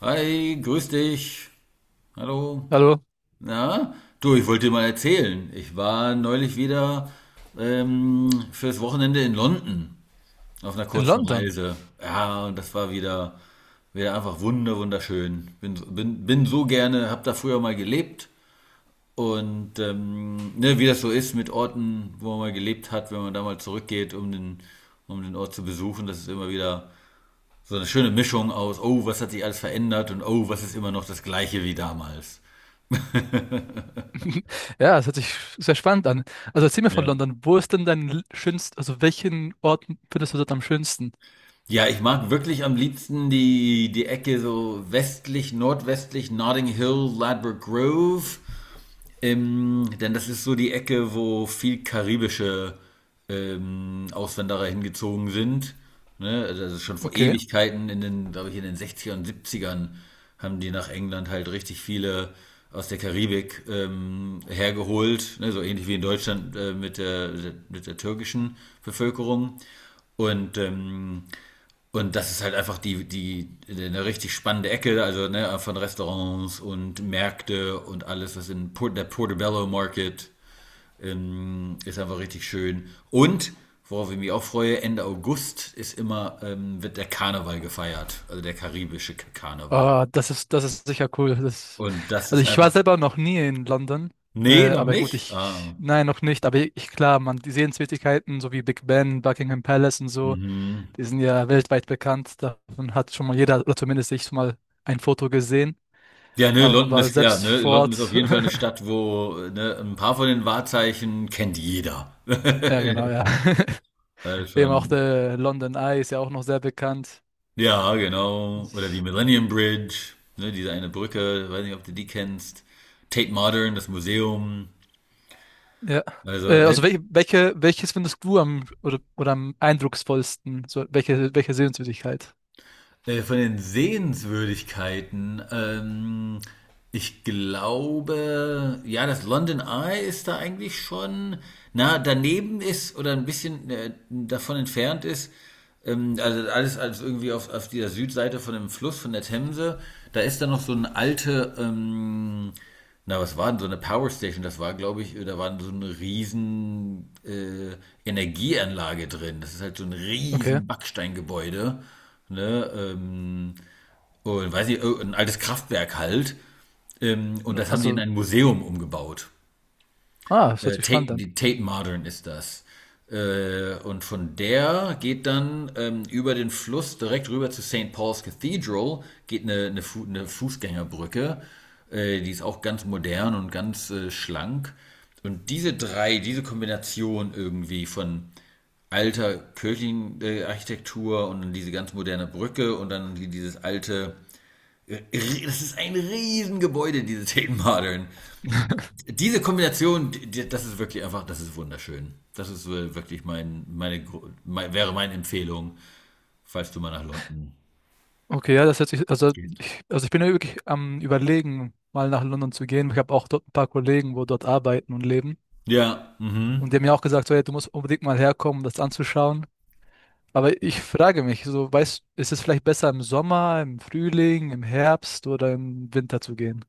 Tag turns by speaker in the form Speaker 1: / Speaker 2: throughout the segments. Speaker 1: Hi, grüß dich. Hallo.
Speaker 2: Hallo,
Speaker 1: Na? Du, ich wollte dir mal erzählen. Ich war neulich wieder fürs Wochenende in London auf einer
Speaker 2: in
Speaker 1: kurzen
Speaker 2: London.
Speaker 1: Reise. Ja, und das war wieder einfach wunderschön. Bin so gerne, hab da früher mal gelebt. Und ne, wie das so ist mit Orten, wo man mal gelebt hat, wenn man da mal zurückgeht, um den Ort zu besuchen, das ist immer wieder so eine schöne Mischung aus, oh, was hat sich alles verändert und oh, was ist immer noch das Gleiche wie damals.
Speaker 2: Ja, das hört sich sehr spannend an. Also erzähl mir von
Speaker 1: Ja.
Speaker 2: London. Wo ist denn dein l- schönst, also welchen Ort findest du dort am schönsten?
Speaker 1: Ja, ich mag wirklich am liebsten die Ecke so westlich, nordwestlich, Notting Hill, Ladbroke Grove. Denn das ist so die Ecke, wo viel karibische Auswanderer hingezogen sind. Ne? Also das ist schon vor
Speaker 2: Okay.
Speaker 1: Ewigkeiten, in den, glaube ich, in den 60ern und 70ern haben die nach England halt richtig viele aus der Karibik hergeholt, ne? So ähnlich wie in Deutschland mit der türkischen Bevölkerung. Und ähm, und das ist halt einfach eine richtig spannende Ecke, also ne, von Restaurants und Märkte und alles, der Portobello Market ist einfach richtig schön. Und, worauf ich mich auch freue, Ende August wird der Karneval gefeiert, also der karibische Karneval.
Speaker 2: Ah, das ist sicher cool. Das,
Speaker 1: Und das
Speaker 2: also
Speaker 1: ist
Speaker 2: ich war
Speaker 1: einfach.
Speaker 2: selber noch nie in London.
Speaker 1: Nee, noch
Speaker 2: Aber gut,
Speaker 1: nicht?
Speaker 2: ich,
Speaker 1: Ah,
Speaker 2: nein, noch nicht. Aber ich, klar, man, die Sehenswürdigkeiten, so wie Big Ben, Buckingham Palace und so,
Speaker 1: mhm.
Speaker 2: die sind ja weltweit bekannt. Davon hat schon mal jeder, oder zumindest ich, schon mal ein Foto gesehen.
Speaker 1: Ja, ne, London
Speaker 2: Aber
Speaker 1: ist, ja,
Speaker 2: selbst
Speaker 1: ne,
Speaker 2: vor
Speaker 1: London ist auf
Speaker 2: Ort,
Speaker 1: jeden Fall eine Stadt, wo, ne, ein paar von den Wahrzeichen kennt jeder.
Speaker 2: ja, genau, ja.
Speaker 1: All
Speaker 2: Eben auch
Speaker 1: schon.
Speaker 2: der London Eye ist ja auch noch sehr bekannt.
Speaker 1: Ja, genau. Oder die
Speaker 2: Das-
Speaker 1: Millennium Bridge, ne, diese eine Brücke, weiß nicht, ob du die kennst. Tate Modern, das Museum.
Speaker 2: Ja.
Speaker 1: Also, ne.
Speaker 2: Also welches findest du am oder am eindrucksvollsten? So, welche Sehenswürdigkeit?
Speaker 1: Von den Sehenswürdigkeiten, ich glaube, ja, das London Eye ist da eigentlich schon, na, daneben ist oder ein bisschen davon entfernt ist. Also alles irgendwie auf dieser Südseite von dem Fluss, von der Themse. Da ist dann noch so eine alte, na, was war denn so eine Power Station? Das war, glaube ich, da war so eine riesen Energieanlage drin. Das ist halt so ein
Speaker 2: Okay.
Speaker 1: riesen Backsteingebäude, ne, und weiß ich, oh, ein altes Kraftwerk halt. Und das haben die in
Speaker 2: Also,
Speaker 1: ein Museum umgebaut.
Speaker 2: ah, das hört
Speaker 1: Äh,
Speaker 2: sich
Speaker 1: Tate,
Speaker 2: spannend an.
Speaker 1: die Tate Modern ist das. Und von der geht dann über den Fluss direkt rüber zu St. Paul's Cathedral, geht eine Fußgängerbrücke. Die ist auch ganz modern und ganz schlank. Und diese Kombination irgendwie von alter kirchlichen Architektur und dann diese ganz moderne Brücke und dann dieses alte. äh, Das ist ein Riesengebäude, diese Tate Modern. Diese Kombination, das ist wirklich einfach, das ist wunderschön. Das ist wirklich wäre meine Empfehlung, falls du mal nach London
Speaker 2: Okay, ja, das hört sich,
Speaker 1: gehst.
Speaker 2: also ich bin ja wirklich am Überlegen, mal nach London zu gehen. Ich habe auch dort ein paar Kollegen, wo dort arbeiten und leben.
Speaker 1: Ja,
Speaker 2: Und die
Speaker 1: mhm.
Speaker 2: haben mir auch gesagt, so, hey, du musst unbedingt mal herkommen, um das anzuschauen. Aber ich frage mich, so, weißt, ist es vielleicht besser im Sommer, im Frühling, im Herbst oder im Winter zu gehen?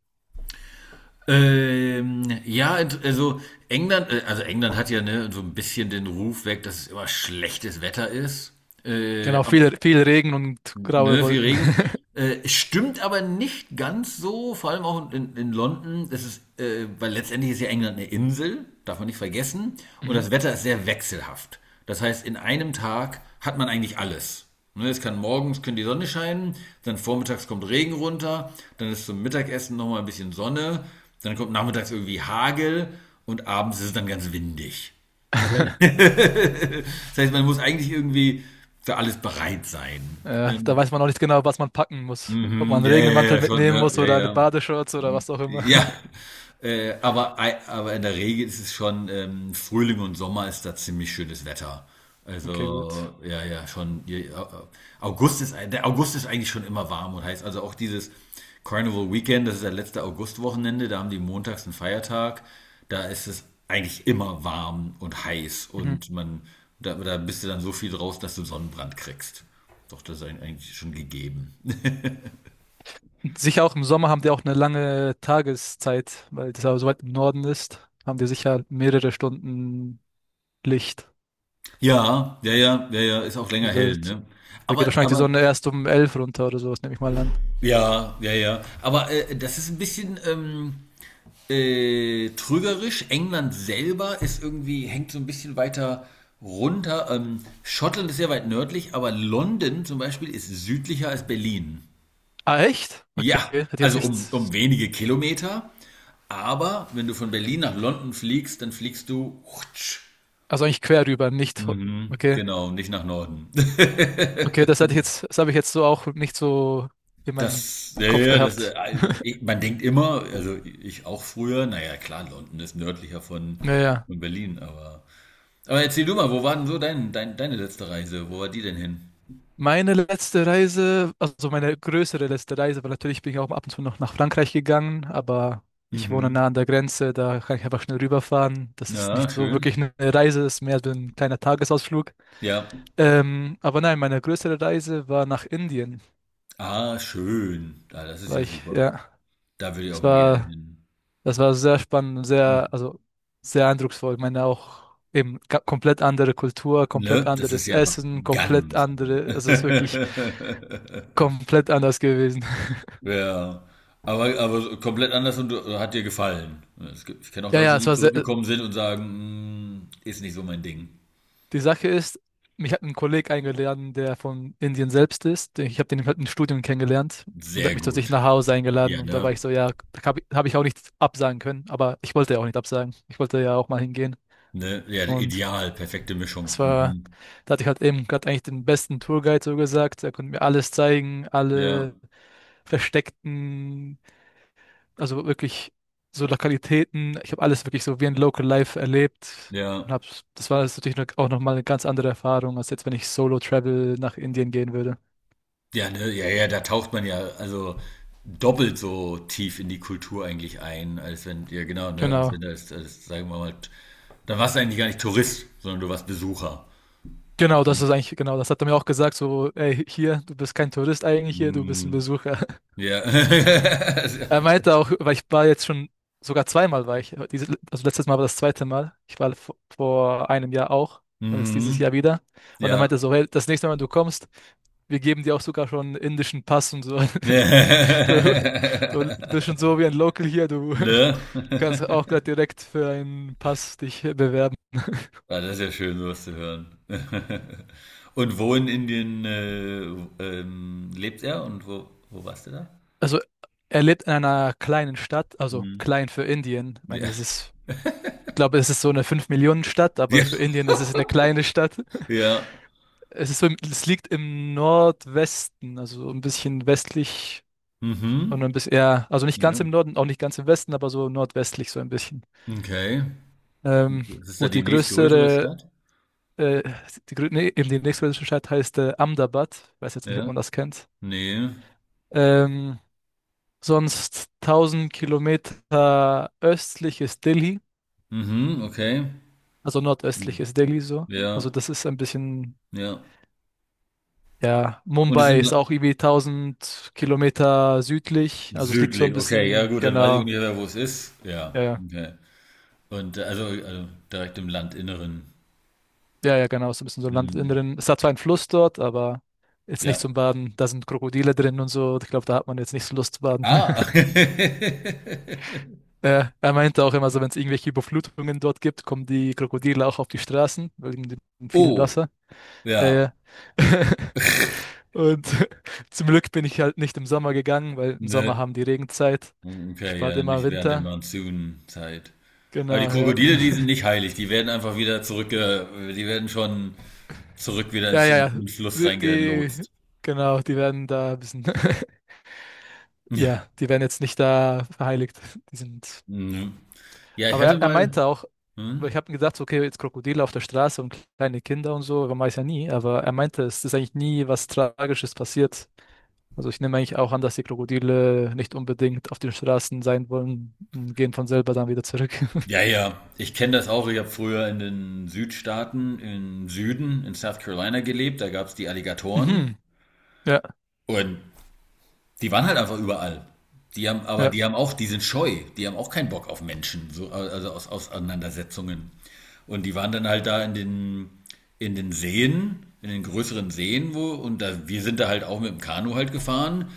Speaker 1: Ja, also also England hat ja ne, so ein bisschen den Ruf weg, dass es immer schlechtes Wetter ist. Äh,
Speaker 2: Genau,
Speaker 1: aber
Speaker 2: viel Regen und graue
Speaker 1: ne, viel
Speaker 2: Wolken.
Speaker 1: Regen. Stimmt aber nicht ganz so, vor allem auch in London. Weil letztendlich ist ja England eine Insel, darf man nicht vergessen. Und
Speaker 2: Mhm.
Speaker 1: das Wetter ist sehr wechselhaft. Das heißt, in einem Tag hat man eigentlich alles. Ne, es kann morgens können die Sonne scheinen, dann vormittags kommt Regen runter, dann ist zum Mittagessen nochmal ein bisschen Sonne, dann kommt nachmittags irgendwie Hagel und abends ist es dann ganz windig. Das heißt, man muss eigentlich irgendwie für alles bereit sein.
Speaker 2: Ja, da
Speaker 1: Ähm,
Speaker 2: weiß man auch nicht genau, was man packen muss. Ob
Speaker 1: mhm,
Speaker 2: man einen
Speaker 1: ja, ja,
Speaker 2: Regenmantel
Speaker 1: ja, schon,
Speaker 2: mitnehmen
Speaker 1: ne?
Speaker 2: muss
Speaker 1: Ja,
Speaker 2: oder eine
Speaker 1: ja.
Speaker 2: Badeshorts oder was auch immer.
Speaker 1: Ja, aber in der Regel ist es schon, Frühling und Sommer ist da ziemlich schönes Wetter.
Speaker 2: Okay, gut.
Speaker 1: Also, ja, ja, schon. Ja, ja. Der August ist eigentlich schon immer warm und heiß. Also auch dieses Carnival Weekend, das ist das letzte Augustwochenende, da haben die montags einen Feiertag. Da ist es eigentlich immer warm und heiß
Speaker 2: Mhm.
Speaker 1: und da bist du dann so viel draus, dass du Sonnenbrand kriegst. Doch, das ist eigentlich schon gegeben.
Speaker 2: Sicher auch im Sommer haben die auch eine lange Tageszeit, weil das aber so weit im Norden ist, haben die sicher mehrere Stunden Licht.
Speaker 1: Ja, ja, ja, ja, ja, ist auch länger
Speaker 2: Also
Speaker 1: hell,
Speaker 2: das,
Speaker 1: ne?
Speaker 2: da geht
Speaker 1: Aber,
Speaker 2: wahrscheinlich die
Speaker 1: aber,
Speaker 2: Sonne erst um elf runter oder sowas, nehme ich mal an.
Speaker 1: ja, ja, ja. Aber das ist ein bisschen trügerisch. England selber ist irgendwie, hängt so ein bisschen weiter runter. Schottland ist sehr weit nördlich, aber London zum Beispiel ist südlicher als Berlin.
Speaker 2: Ah, echt? Okay,
Speaker 1: Ja,
Speaker 2: hätte jetzt
Speaker 1: also
Speaker 2: nicht,
Speaker 1: um wenige Kilometer. Aber wenn du von Berlin nach London fliegst, dann fliegst du. Hutsch.
Speaker 2: also eigentlich quer rüber, nicht, ho-
Speaker 1: Mhm,
Speaker 2: okay.
Speaker 1: genau, nicht nach Norden.
Speaker 2: Okay, das hatte ich jetzt, das habe ich jetzt so auch nicht so in meinem
Speaker 1: Das, ja, ja,
Speaker 2: Kopf
Speaker 1: ja,
Speaker 2: gehabt.
Speaker 1: man denkt immer, also ich auch früher, naja, klar, London ist nördlicher von,
Speaker 2: Naja,
Speaker 1: von Berlin, aber. Aber erzähl du mal, wo war denn so deine letzte Reise? Wo war die denn hin?
Speaker 2: meine letzte Reise, also meine größere letzte Reise, weil natürlich bin ich auch ab und zu noch nach Frankreich gegangen, aber ich wohne
Speaker 1: Mhm.
Speaker 2: nah an der Grenze, da kann ich einfach schnell rüberfahren. Das ist
Speaker 1: Ja,
Speaker 2: nicht so wirklich
Speaker 1: schön.
Speaker 2: eine Reise, ist mehr so ein kleiner Tagesausflug.
Speaker 1: Ja.
Speaker 2: Aber nein, meine größere Reise war nach Indien,
Speaker 1: Ah, schön. Ah, das ist ja
Speaker 2: weil ich,
Speaker 1: super.
Speaker 2: ja,
Speaker 1: Da würde ich auch
Speaker 2: es
Speaker 1: mal gerne
Speaker 2: war.
Speaker 1: hin.
Speaker 2: Das war sehr spannend sehr,
Speaker 1: Hm,
Speaker 2: also sehr eindrucksvoll. Ich meine auch eben ga- komplett andere Kultur, komplett
Speaker 1: ne? Das ist
Speaker 2: anderes
Speaker 1: ja einfach
Speaker 2: Essen, komplett
Speaker 1: ganz anders.
Speaker 2: andere, also es ist wirklich komplett anders gewesen.
Speaker 1: Ja. Aber komplett anders und hat dir gefallen. Es gibt, ich kenne auch Leute,
Speaker 2: Ja, es
Speaker 1: die
Speaker 2: war sehr,
Speaker 1: zurückgekommen sind und sagen, "Mm, ist nicht so mein Ding.
Speaker 2: die Sache ist, mich hat ein Kollege eingeladen, der von Indien selbst ist. Ich habe den halt im Studium kennengelernt und der hat
Speaker 1: Sehr
Speaker 2: mich zu sich
Speaker 1: gut.
Speaker 2: nach Hause eingeladen
Speaker 1: Ja,
Speaker 2: und da war
Speaker 1: ne?
Speaker 2: ich so, ja, da habe ich, hab ich auch nichts absagen können, aber ich wollte ja auch nicht absagen. Ich wollte ja auch mal hingehen
Speaker 1: Ne? Ja,
Speaker 2: und.
Speaker 1: ideal, perfekte
Speaker 2: Es
Speaker 1: Mischung.
Speaker 2: war,
Speaker 1: Mhm.
Speaker 2: da hatte ich halt eben gerade eigentlich den besten Tourguide so gesagt. Er konnte mir alles zeigen,
Speaker 1: Ja,
Speaker 2: alle versteckten, also wirklich so Lokalitäten. Ich habe alles wirklich so wie ein Local Life erlebt. Und
Speaker 1: ja.
Speaker 2: hab's, das war jetzt natürlich noch- auch nochmal eine ganz andere Erfahrung, als jetzt, wenn ich Solo Travel nach Indien gehen würde.
Speaker 1: Ja, ne? Ja, ja, da taucht man ja also doppelt so tief in die Kultur eigentlich ein, als wenn, ja genau, ne? Als wenn
Speaker 2: Genau.
Speaker 1: das sagen wir mal, dann warst du eigentlich gar nicht Tourist, sondern du warst Besucher.
Speaker 2: Genau, das hat er mir auch gesagt, so, ey, hier, du bist kein Tourist eigentlich hier, du bist ein
Speaker 1: Mhm.
Speaker 2: Besucher.
Speaker 1: Ja.
Speaker 2: Er meinte auch, weil ich war jetzt schon sogar zweimal war ich, diese, also letztes Mal war das zweite Mal. Ich war vor einem Jahr auch und jetzt dieses Jahr
Speaker 1: Mhm.
Speaker 2: wieder. Und er
Speaker 1: Ja.
Speaker 2: meinte er so, hey, das nächste Mal, wenn du kommst, wir geben dir auch sogar schon einen indischen Pass und so. Du, du bist schon so wie ein Local hier, du
Speaker 1: Ne?
Speaker 2: kannst auch gleich direkt für einen Pass dich bewerben.
Speaker 1: Ah, das ist ja schön, sowas zu hören. Und wo in Indien, lebt er und wo warst du da?
Speaker 2: Also er lebt in einer kleinen Stadt, also
Speaker 1: Mhm.
Speaker 2: klein für Indien. Ich meine,
Speaker 1: Ja.
Speaker 2: das ist, ich glaube, es ist so eine 5 Millionen stadt aber
Speaker 1: Ja,
Speaker 2: für Indien ist es eine kleine Stadt.
Speaker 1: ja.
Speaker 2: Es ist so, im- es liegt im Nordwesten, also so ein bisschen westlich und ein
Speaker 1: Mhm.
Speaker 2: bisschen, ja, also nicht ganz
Speaker 1: Ja.
Speaker 2: im Norden, auch nicht ganz im Westen, aber so nordwestlich so ein bisschen.
Speaker 1: Okay.
Speaker 2: Ähm,
Speaker 1: Was ist da
Speaker 2: gut,
Speaker 1: die
Speaker 2: die
Speaker 1: nächstgrößere
Speaker 2: größere,
Speaker 1: Stadt?
Speaker 2: äh, die, grö- nee, eben die nächstgrößere Stadt heißt Ahmedabad. Weiß jetzt nicht, ob
Speaker 1: Ja.
Speaker 2: man das kennt.
Speaker 1: Ne.
Speaker 2: Ähm, Sonst 1000 Kilometer östlich ist Delhi,
Speaker 1: Mhm, okay.
Speaker 2: also nordöstlich
Speaker 1: Mhm.
Speaker 2: ist Delhi so. Also
Speaker 1: Ja,
Speaker 2: das ist ein bisschen.
Speaker 1: ja.
Speaker 2: Ja,
Speaker 1: Und es ist
Speaker 2: Mumbai
Speaker 1: im
Speaker 2: ist
Speaker 1: La
Speaker 2: auch irgendwie 1000 Kilometer südlich. Also es liegt so ein
Speaker 1: südlich. Okay, ja
Speaker 2: bisschen,
Speaker 1: gut, dann weiß ich ungefähr, wo es ist.
Speaker 2: ja,
Speaker 1: Ja,
Speaker 2: ja,
Speaker 1: okay. Und also direkt im Landinneren.
Speaker 2: ja, genau, so ein bisschen so
Speaker 1: Mhm.
Speaker 2: Landinneren. Es hat zwar einen Fluss dort, aber jetzt nicht
Speaker 1: Ja.
Speaker 2: zum Baden. Da sind Krokodile drin und so. Ich glaube, da hat man jetzt nicht so Lust zu baden.
Speaker 1: Ah.
Speaker 2: Ja, er meinte auch immer so, wenn es irgendwelche Überflutungen dort gibt, kommen die Krokodile auch auf die Straßen, wegen dem vielen
Speaker 1: Oh,
Speaker 2: Wasser. Ja, ja.
Speaker 1: ja.
Speaker 2: Und zum Glück bin ich halt nicht im Sommer gegangen, weil im Sommer
Speaker 1: Ne.
Speaker 2: haben die Regenzeit. Ich
Speaker 1: Okay,
Speaker 2: bade
Speaker 1: ja,
Speaker 2: immer im
Speaker 1: nicht während der
Speaker 2: Winter.
Speaker 1: Monsunzeit. Aber die
Speaker 2: Genau, ja.
Speaker 1: Krokodile, die sind nicht heilig. Die werden schon zurück wieder
Speaker 2: Ja,
Speaker 1: ins,
Speaker 2: ja,
Speaker 1: in, in
Speaker 2: ja.
Speaker 1: den Fluss
Speaker 2: Die, die,
Speaker 1: reingelotst.
Speaker 2: genau, die werden da ein bisschen, ja, die werden jetzt nicht da verheiligt. Die sind,
Speaker 1: Mhm. Ja, ich
Speaker 2: aber
Speaker 1: hatte
Speaker 2: er
Speaker 1: mal.
Speaker 2: meinte auch, weil
Speaker 1: Hm?
Speaker 2: ich habe mir gedacht, so, okay, jetzt Krokodile auf der Straße und kleine Kinder und so, man weiß ja nie, aber er meinte, es ist eigentlich nie was Tragisches passiert. Also ich nehme eigentlich auch an, dass die Krokodile nicht unbedingt auf den Straßen sein wollen und gehen von selber dann wieder zurück.
Speaker 1: Ja, ja, ich kenne das auch. Ich habe früher in den Südstaaten, im Süden, in South Carolina gelebt. Da gab es die Alligatoren.
Speaker 2: Mhm. Ja,
Speaker 1: Und die waren halt einfach überall. Aber
Speaker 2: ja,
Speaker 1: die haben auch, die sind scheu, die haben auch keinen Bock auf Menschen, so, also aus Auseinandersetzungen. Und die waren dann halt da in den Seen, in den größeren Seen, wir sind da halt auch mit dem Kanu halt gefahren.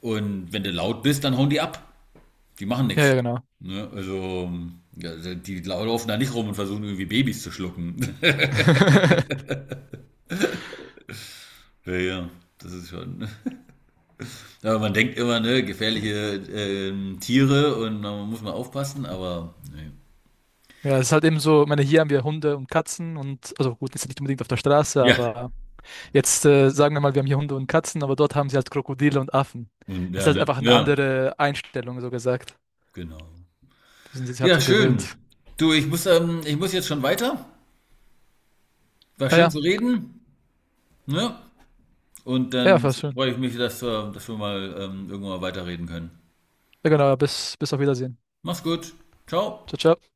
Speaker 1: Und wenn du laut bist, dann hauen die ab. Die machen
Speaker 2: ja,
Speaker 1: nichts.
Speaker 2: ja, genau.
Speaker 1: Ne? Also, ja, die laufen da nicht rum und versuchen irgendwie Babys zu schlucken. Ja, ja, das ist schon. Ja, man denkt immer, ne, gefährliche Tiere und man muss mal aufpassen, aber nee.
Speaker 2: Ja, es ist halt eben so, ich meine, hier haben wir Hunde und Katzen und, also gut, ist ja nicht unbedingt auf der Straße,
Speaker 1: Ja,
Speaker 2: aber jetzt sagen wir mal, wir haben hier Hunde und Katzen, aber dort haben sie halt Krokodile und Affen.
Speaker 1: und
Speaker 2: Es ist
Speaker 1: ja,
Speaker 2: halt
Speaker 1: ne?
Speaker 2: einfach eine
Speaker 1: Ja,
Speaker 2: andere Einstellung, so gesagt.
Speaker 1: genau.
Speaker 2: Die sind sich halt
Speaker 1: Ja,
Speaker 2: so
Speaker 1: schön.
Speaker 2: gewöhnt.
Speaker 1: Du, ich muss jetzt schon weiter. War
Speaker 2: Ja,
Speaker 1: schön
Speaker 2: ja,
Speaker 1: zu reden, ne? Und
Speaker 2: ja,
Speaker 1: dann
Speaker 2: war schön.
Speaker 1: freue ich mich, dass wir mal irgendwann mal weiterreden können.
Speaker 2: Ja, genau, bis auf Wiedersehen.
Speaker 1: Mach's gut.
Speaker 2: Ciao,
Speaker 1: Ciao.
Speaker 2: ciao.